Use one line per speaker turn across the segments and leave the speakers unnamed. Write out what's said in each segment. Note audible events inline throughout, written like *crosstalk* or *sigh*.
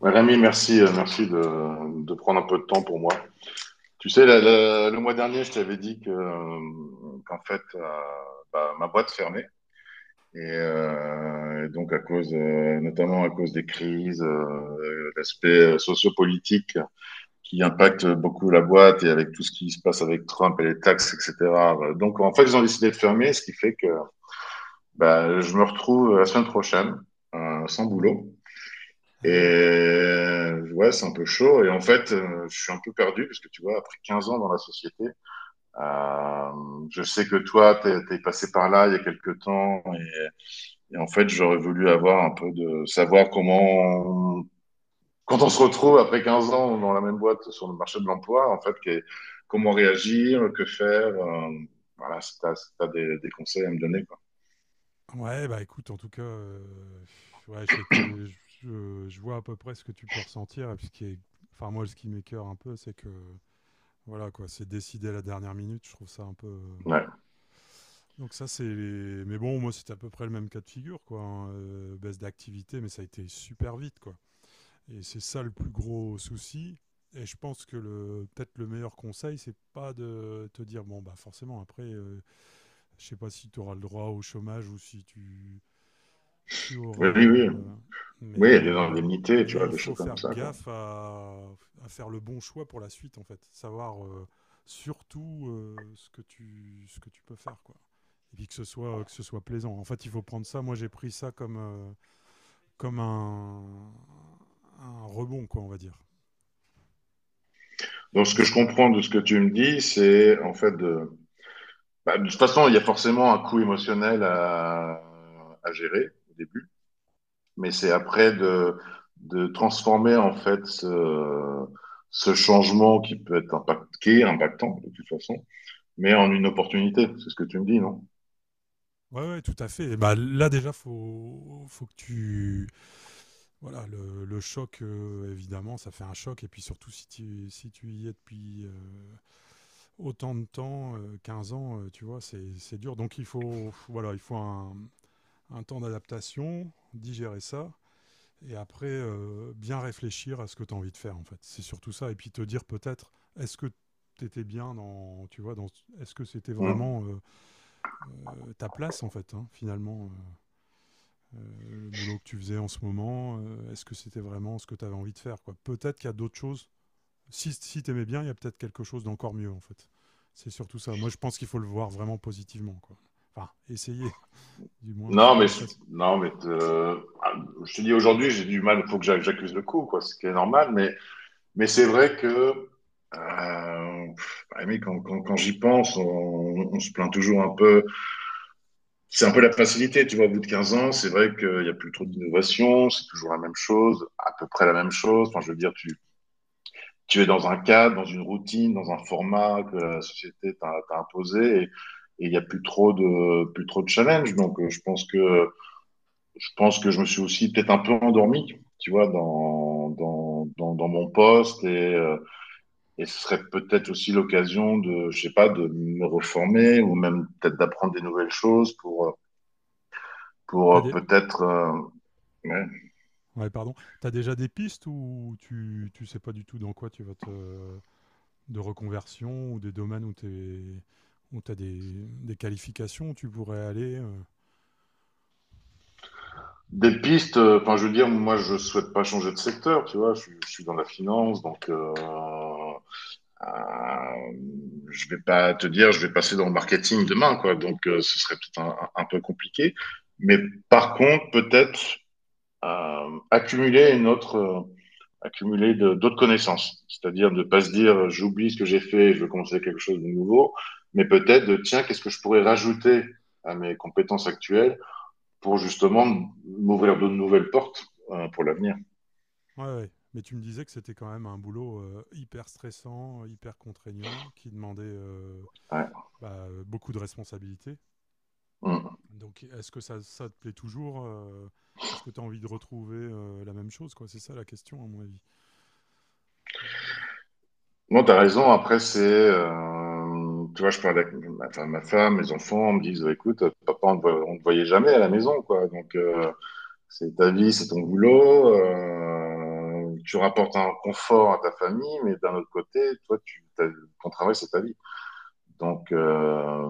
Ouais, Rémi, merci, merci de prendre un peu de temps pour moi. Tu sais, le mois dernier, je t'avais dit que, qu'en fait, ma boîte fermait. Et donc, notamment à cause des crises, l'aspect sociopolitique qui impacte beaucoup la boîte et avec tout ce qui se passe avec Trump et les taxes, etc. Donc, en fait, ils ont décidé de fermer, ce qui fait que bah, je me retrouve la semaine prochaine sans boulot. Et
Ah ouais.
ouais, c'est un peu chaud. Et en fait, je suis un peu perdu parce que tu vois, après 15 ans dans la société, euh, je sais que toi, t'es passé par là il y a quelques temps. Et en fait, j'aurais voulu avoir un peu de savoir quand on se retrouve après 15 ans dans la même boîte sur le marché de l'emploi, en fait, comment réagir, que faire. Voilà, si t'as des conseils à me donner, quoi.
Ouais, bah écoute, en tout cas, ouais, j'ai été, je, je vois à peu près ce que tu peux ressentir. Et puis ce qui est, enfin moi, ce qui m'écœure un peu, c'est que voilà quoi, c'est décidé à la dernière minute. Je trouve ça un peu.
Ouais.
Donc ça, c'est les. Mais bon, moi, c'était à peu près le même cas de figure, quoi. Hein, baisse d'activité, mais ça a été super vite, quoi. Et c'est ça le plus gros souci. Et je pense que le peut-être le meilleur conseil, c'est pas de te dire bon bah forcément après, je sais pas si tu auras le droit au chômage ou si tu
Oui,
auras.
oui, oui. Oui, il y a
Mais,
des indemnités, tu
mais
vois,
il
des
faut
choses comme
faire
ça, quoi.
gaffe à faire le bon choix pour la suite, en fait. Savoir surtout ce que tu peux faire, quoi. Et puis que ce soit plaisant. En fait, il faut prendre ça. Moi, j'ai pris ça comme, comme un rebond, quoi, on va dire.
Donc, ce que
Parce
je
que.
comprends de ce que tu me dis, c'est en fait de. Bah, de toute façon, il y a forcément un coût émotionnel à gérer au début, mais c'est après de transformer en fait ce changement qui peut être impactant de toute façon, mais en une opportunité. C'est ce que tu me dis, non?
Ouais, ouais, tout à fait. Et bah, là, déjà, faut, faut que tu. Voilà, le choc, évidemment, ça fait un choc. Et puis surtout, si tu, si tu y es depuis. Autant de temps, 15 ans, tu vois, c'est dur. Donc il faut, voilà, il faut un temps d'adaptation, digérer ça, et après bien réfléchir à ce que tu as envie de faire, en fait. C'est surtout ça. Et puis te dire peut-être, est-ce que tu étais bien dans, tu vois, dans, est-ce que c'était
Mm.
vraiment ta place, en fait, hein, finalement le boulot que tu faisais en ce moment, est-ce que c'était vraiment ce que tu avais envie de faire quoi? Peut-être qu'il y a d'autres choses si, si t'aimais bien, il y a peut-être quelque chose d'encore mieux, en fait. C'est surtout ça. Moi, je pense qu'il faut le voir vraiment positivement, quoi. Enfin, essayer, *laughs* du moins, c'est
Non, mais
toujours
je-
facile.
non, mais ah, je te dis aujourd'hui, j'ai du mal. Il faut que j'accuse le coup, quoi, ce qui est normal. Mais c'est vrai que euh, pff, ah, mais quand j'y pense, on se plaint toujours un peu. C'est un peu la facilité, tu vois, au bout de 15 ans, c'est vrai qu'il n'y a plus trop d'innovation, c'est toujours la même chose, à peu près la même chose. Enfin, je veux dire, tu es dans un cadre, dans une routine, dans un format que la société t'a imposé et il n'y a plus trop de challenge. Donc, je pense que je me suis aussi peut-être un peu endormi, tu vois, dans mon poste et euh, et ce serait peut-être aussi l'occasion de, je sais pas, de me reformer ou même peut-être d'apprendre des nouvelles choses pour
T'as des...
peut-être ouais.
Ouais, pardon. T'as déjà des pistes ou tu sais pas du tout dans quoi tu vas te... de reconversion ou des domaines où t'es... où t'as des qualifications où tu pourrais aller.
Des pistes. Enfin, je veux dire, moi, je souhaite pas changer de secteur, tu vois. Je suis dans la finance, donc euh, je vais pas te dire, je vais passer dans le marketing demain, quoi. Donc, ce serait peut-être un peu compliqué. Mais par contre, peut-être euh, accumuler une autre, euh, accumuler d'autres connaissances. C'est-à-dire de pas se dire j'oublie ce que j'ai fait, je veux commencer quelque chose de nouveau, mais peut-être tiens, qu'est-ce que je pourrais rajouter à mes compétences actuelles pour justement m'ouvrir de nouvelles portes pour l'avenir.
Ouais, ouais. Mais tu me disais que c'était quand même un boulot hyper stressant, hyper contraignant, qui demandait
Ouais.
bah, beaucoup de responsabilités.
Mm.
Donc, est-ce que ça te plaît toujours est-ce que tu as envie de retrouver la même chose quoi? C'est ça la question, à mon avis.
Non, t'as raison. Après, c'est. Tu vois, je parle avec ma, enfin, ma femme, mes enfants, me disent bah, écoute, papa, on ne te voyait jamais à la maison, quoi. Donc. C'est ta vie, c'est ton boulot. Tu rapportes un confort à ta famille, mais d'un autre côté, toi, ton travail, c'est ta vie. Donc,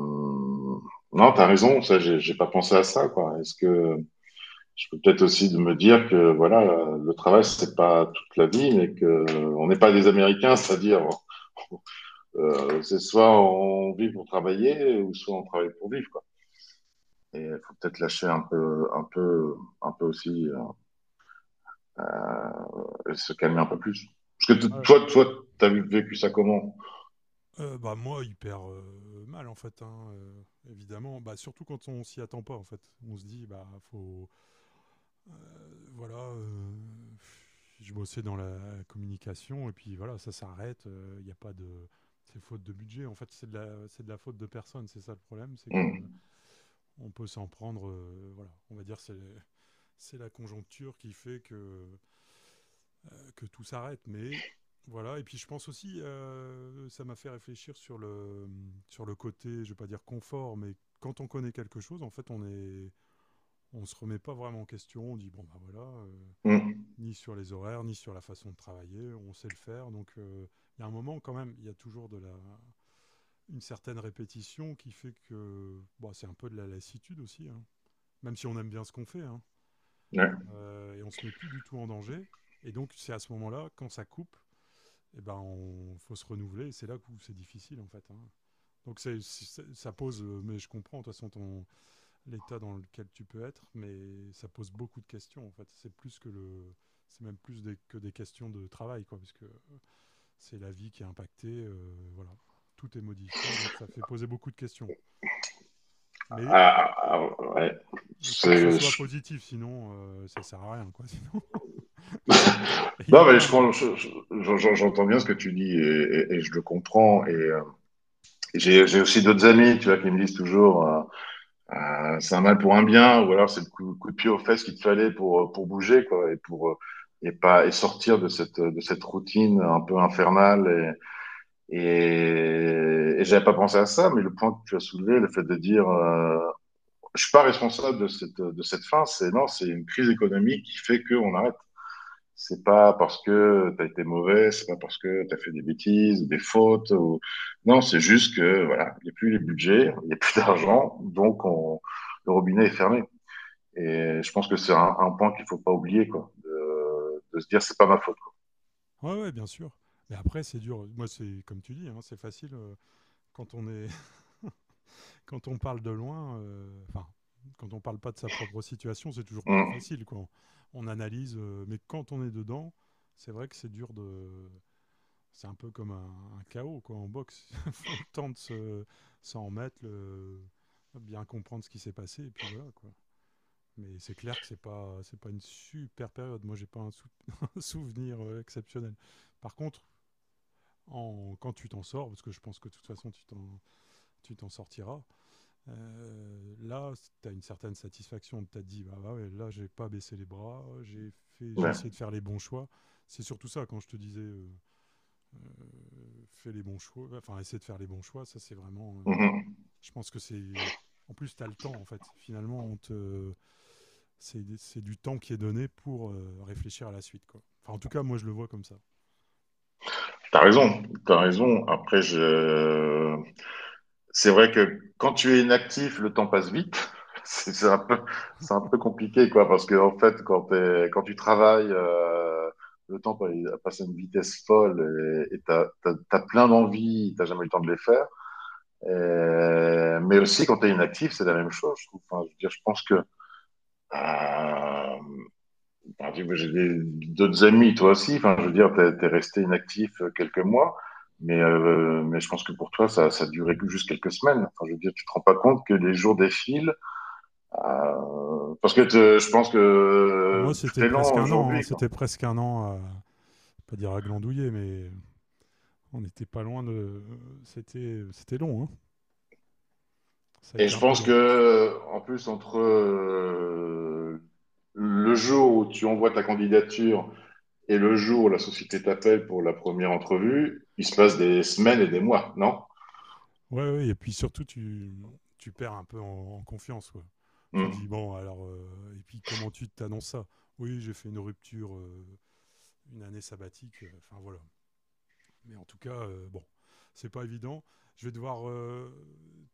non, t'as raison. Ça, j'ai pas pensé à ça, quoi. Est-ce que je peux peut-être aussi de me dire que voilà, le travail, c'est pas toute la vie, mais que on n'est pas des Américains, c'est-à-dire *laughs* c'est soit on vit pour travailler, ou soit on travaille pour vivre, quoi. Et il faut peut-être lâcher un peu aussi. Se calmer un peu plus. Parce que
Ouais.
toi, t'as vécu ça comment.
Bah, moi, hyper mal, en fait, hein, évidemment. Bah, surtout quand on s'y attend pas, en fait. On se dit, bah, faut. Voilà. Je bossais dans la communication, et puis voilà, ça s'arrête. Il n'y a pas de. C'est faute de budget. En fait, c'est de la faute de personne. C'est ça le problème, c'est que
Hmm,
on peut s'en prendre. Voilà, on va dire c'est la conjoncture qui fait que tout s'arrête, mais voilà. Et puis je pense aussi, ça m'a fait réfléchir sur le côté, je vais pas dire confort, mais quand on connaît quelque chose, en fait, on est, on se remet pas vraiment en question. On dit bon bah voilà,
hmm,
ni sur les horaires, ni sur la façon de travailler, on sait le faire. Donc il y a un moment quand même, il y a toujours de la, une certaine répétition qui fait que, bon, c'est un peu de la lassitude aussi. Hein. Même si on aime bien ce qu'on fait, hein.
ouais.
Et on se met plus du tout en danger. Et donc c'est à ce moment-là, quand ça coupe, eh ben, on faut se renouveler. C'est là où c'est difficile, en fait. Hein. Donc, c'est, ça pose, mais je comprends, de toute façon, ton, l'état dans lequel tu peux être, mais ça pose beaucoup de questions, en fait. C'est plus que le. C'est même plus que des questions de travail, quoi, puisque c'est la vie qui est impactée, voilà. Tout est modifié, donc ça fait poser beaucoup de questions. Mais
Ah, ah, ah, ouais.
il faut que ce soit
C'est-
positif, sinon ça sert à rien, quoi. *laughs* Sinon, et il y a
Non, mais
plein.
je
Hein.
j'entends bien ce que tu dis et, et je le comprends. Et j'ai aussi d'autres amis, tu vois, qui me disent toujours, c'est un mal pour un bien, ou alors c'est le coup de pied aux fesses qu'il te fallait pour bouger, quoi, et pour et pas et sortir de cette routine un peu infernale. Et j'avais pas pensé à ça, mais le point que tu as soulevé, le fait de dire, je suis pas responsable de cette fin, c'est non, c'est une crise économique qui fait qu'on arrête. C'est pas parce que t'as été mauvais, c'est pas parce que t'as fait des bêtises, des fautes. Ou... non, c'est juste que voilà, il y a plus les budgets, il y a plus *laughs* d'argent, donc on, le robinet est fermé. Et je pense que c'est un point qu'il faut pas oublier, quoi. De, se dire, c'est pas ma faute.
Ouais, ouais, bien sûr. Mais après, c'est dur. Moi, c'est comme tu dis, hein, c'est facile quand on est quand on parle de loin, enfin, quand on parle pas de sa propre situation, c'est toujours plus
Mmh.
facile. Quoi. On analyse, mais quand on est dedans, c'est vrai que c'est dur de. C'est un peu comme un chaos quoi, en boxe. *laughs* Il faut le temps de s'en remettre, bien comprendre ce qui s'est passé, et puis voilà. Quoi. Mais c'est clair que c'est pas une super période. Moi, j'ai pas un, *laughs* un souvenir exceptionnel. Par contre, quand tu t'en sors, parce que je pense que de toute façon tu t'en sortiras, là, tu as une certaine satisfaction. Tu as dit, bah, bah ouais, là, j'ai pas baissé les bras, j'ai fait, j'ai
Ouais.
essayé de faire les bons choix. C'est surtout ça, quand je te disais, euh, fais les bons choix, enfin, essayer de faire les bons choix, ça, c'est vraiment.
Mmh.
Je pense que c'est. En plus, tu as le temps, en fait. Finalement, on te... c'est du temps qui est donné pour réfléchir à la suite. Quoi. Enfin, en tout cas, moi, je le vois comme ça.
T'as raison, t'as raison. Après, je c'est vrai que quand tu es inactif, le temps passe vite. *laughs* C'est un peu, c'est un peu compliqué, quoi, parce que en fait, quand tu travailles, le il passe à une vitesse folle et t'as plein d'envies, t'as jamais eu le temps de les faire. Et- mais aussi, quand t'es inactif, c'est la même chose. Je trouve. Enfin, je veux dire, je pense que euh, j'ai d'autres amis, toi aussi. Enfin, je veux dire, t'es resté inactif quelques mois, mais je pense que pour toi, ça a duré juste quelques semaines. Enfin, je veux dire, tu te rends pas compte que les jours défilent. euh, je pense que
Ah, moi,
tout
c'était
est lent
presque un an. Hein.
aujourd'hui, quoi.
C'était presque un an à. Pas dire à glandouiller, mais on n'était pas loin de. C'était, c'était long. Hein. Ça a
Et
été
je
un peu
pense que,
long.
en plus, entre le jour où tu envoies ta candidature et le jour où la société t'appelle pour la première entrevue, il se passe des semaines et des mois, non?
Ouais, ouais, et puis surtout, tu perds un peu en, en confiance, quoi. Tu dis,
Hmm.
bon, alors, et puis comment tu t'annonces ça? Oui, j'ai fait une rupture, une année sabbatique, enfin voilà. Mais en tout cas, bon, c'est pas évident. Je vais devoir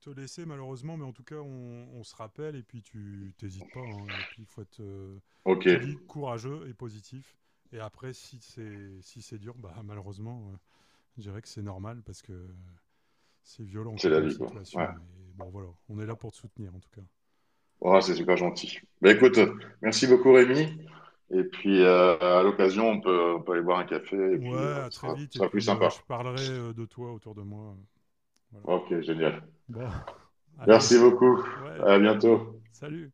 te laisser malheureusement, mais en tout cas, on se rappelle et puis tu t'hésites pas. Hein. Et puis, il faut être,
Ok,
je te dis, courageux et positif. Et après, si c'est si c'est dur, bah malheureusement, je dirais que c'est normal parce que c'est violent
c'est
quoi
la
comme
vie, quoi. Ouais.
situation. Mais bon, voilà, on est là pour te soutenir en tout cas.
Oh, c'est super gentil. Bah, écoute, merci beaucoup Rémi. Et puis à l'occasion, on peut aller boire un café et puis
Ouais, à très vite.
ce
Et
sera plus
puis
sympa.
je parlerai de toi autour de moi. Voilà.
Ok, génial.
Bon, *laughs* allez,
Merci beaucoup.
ouais,
À bientôt.
salut.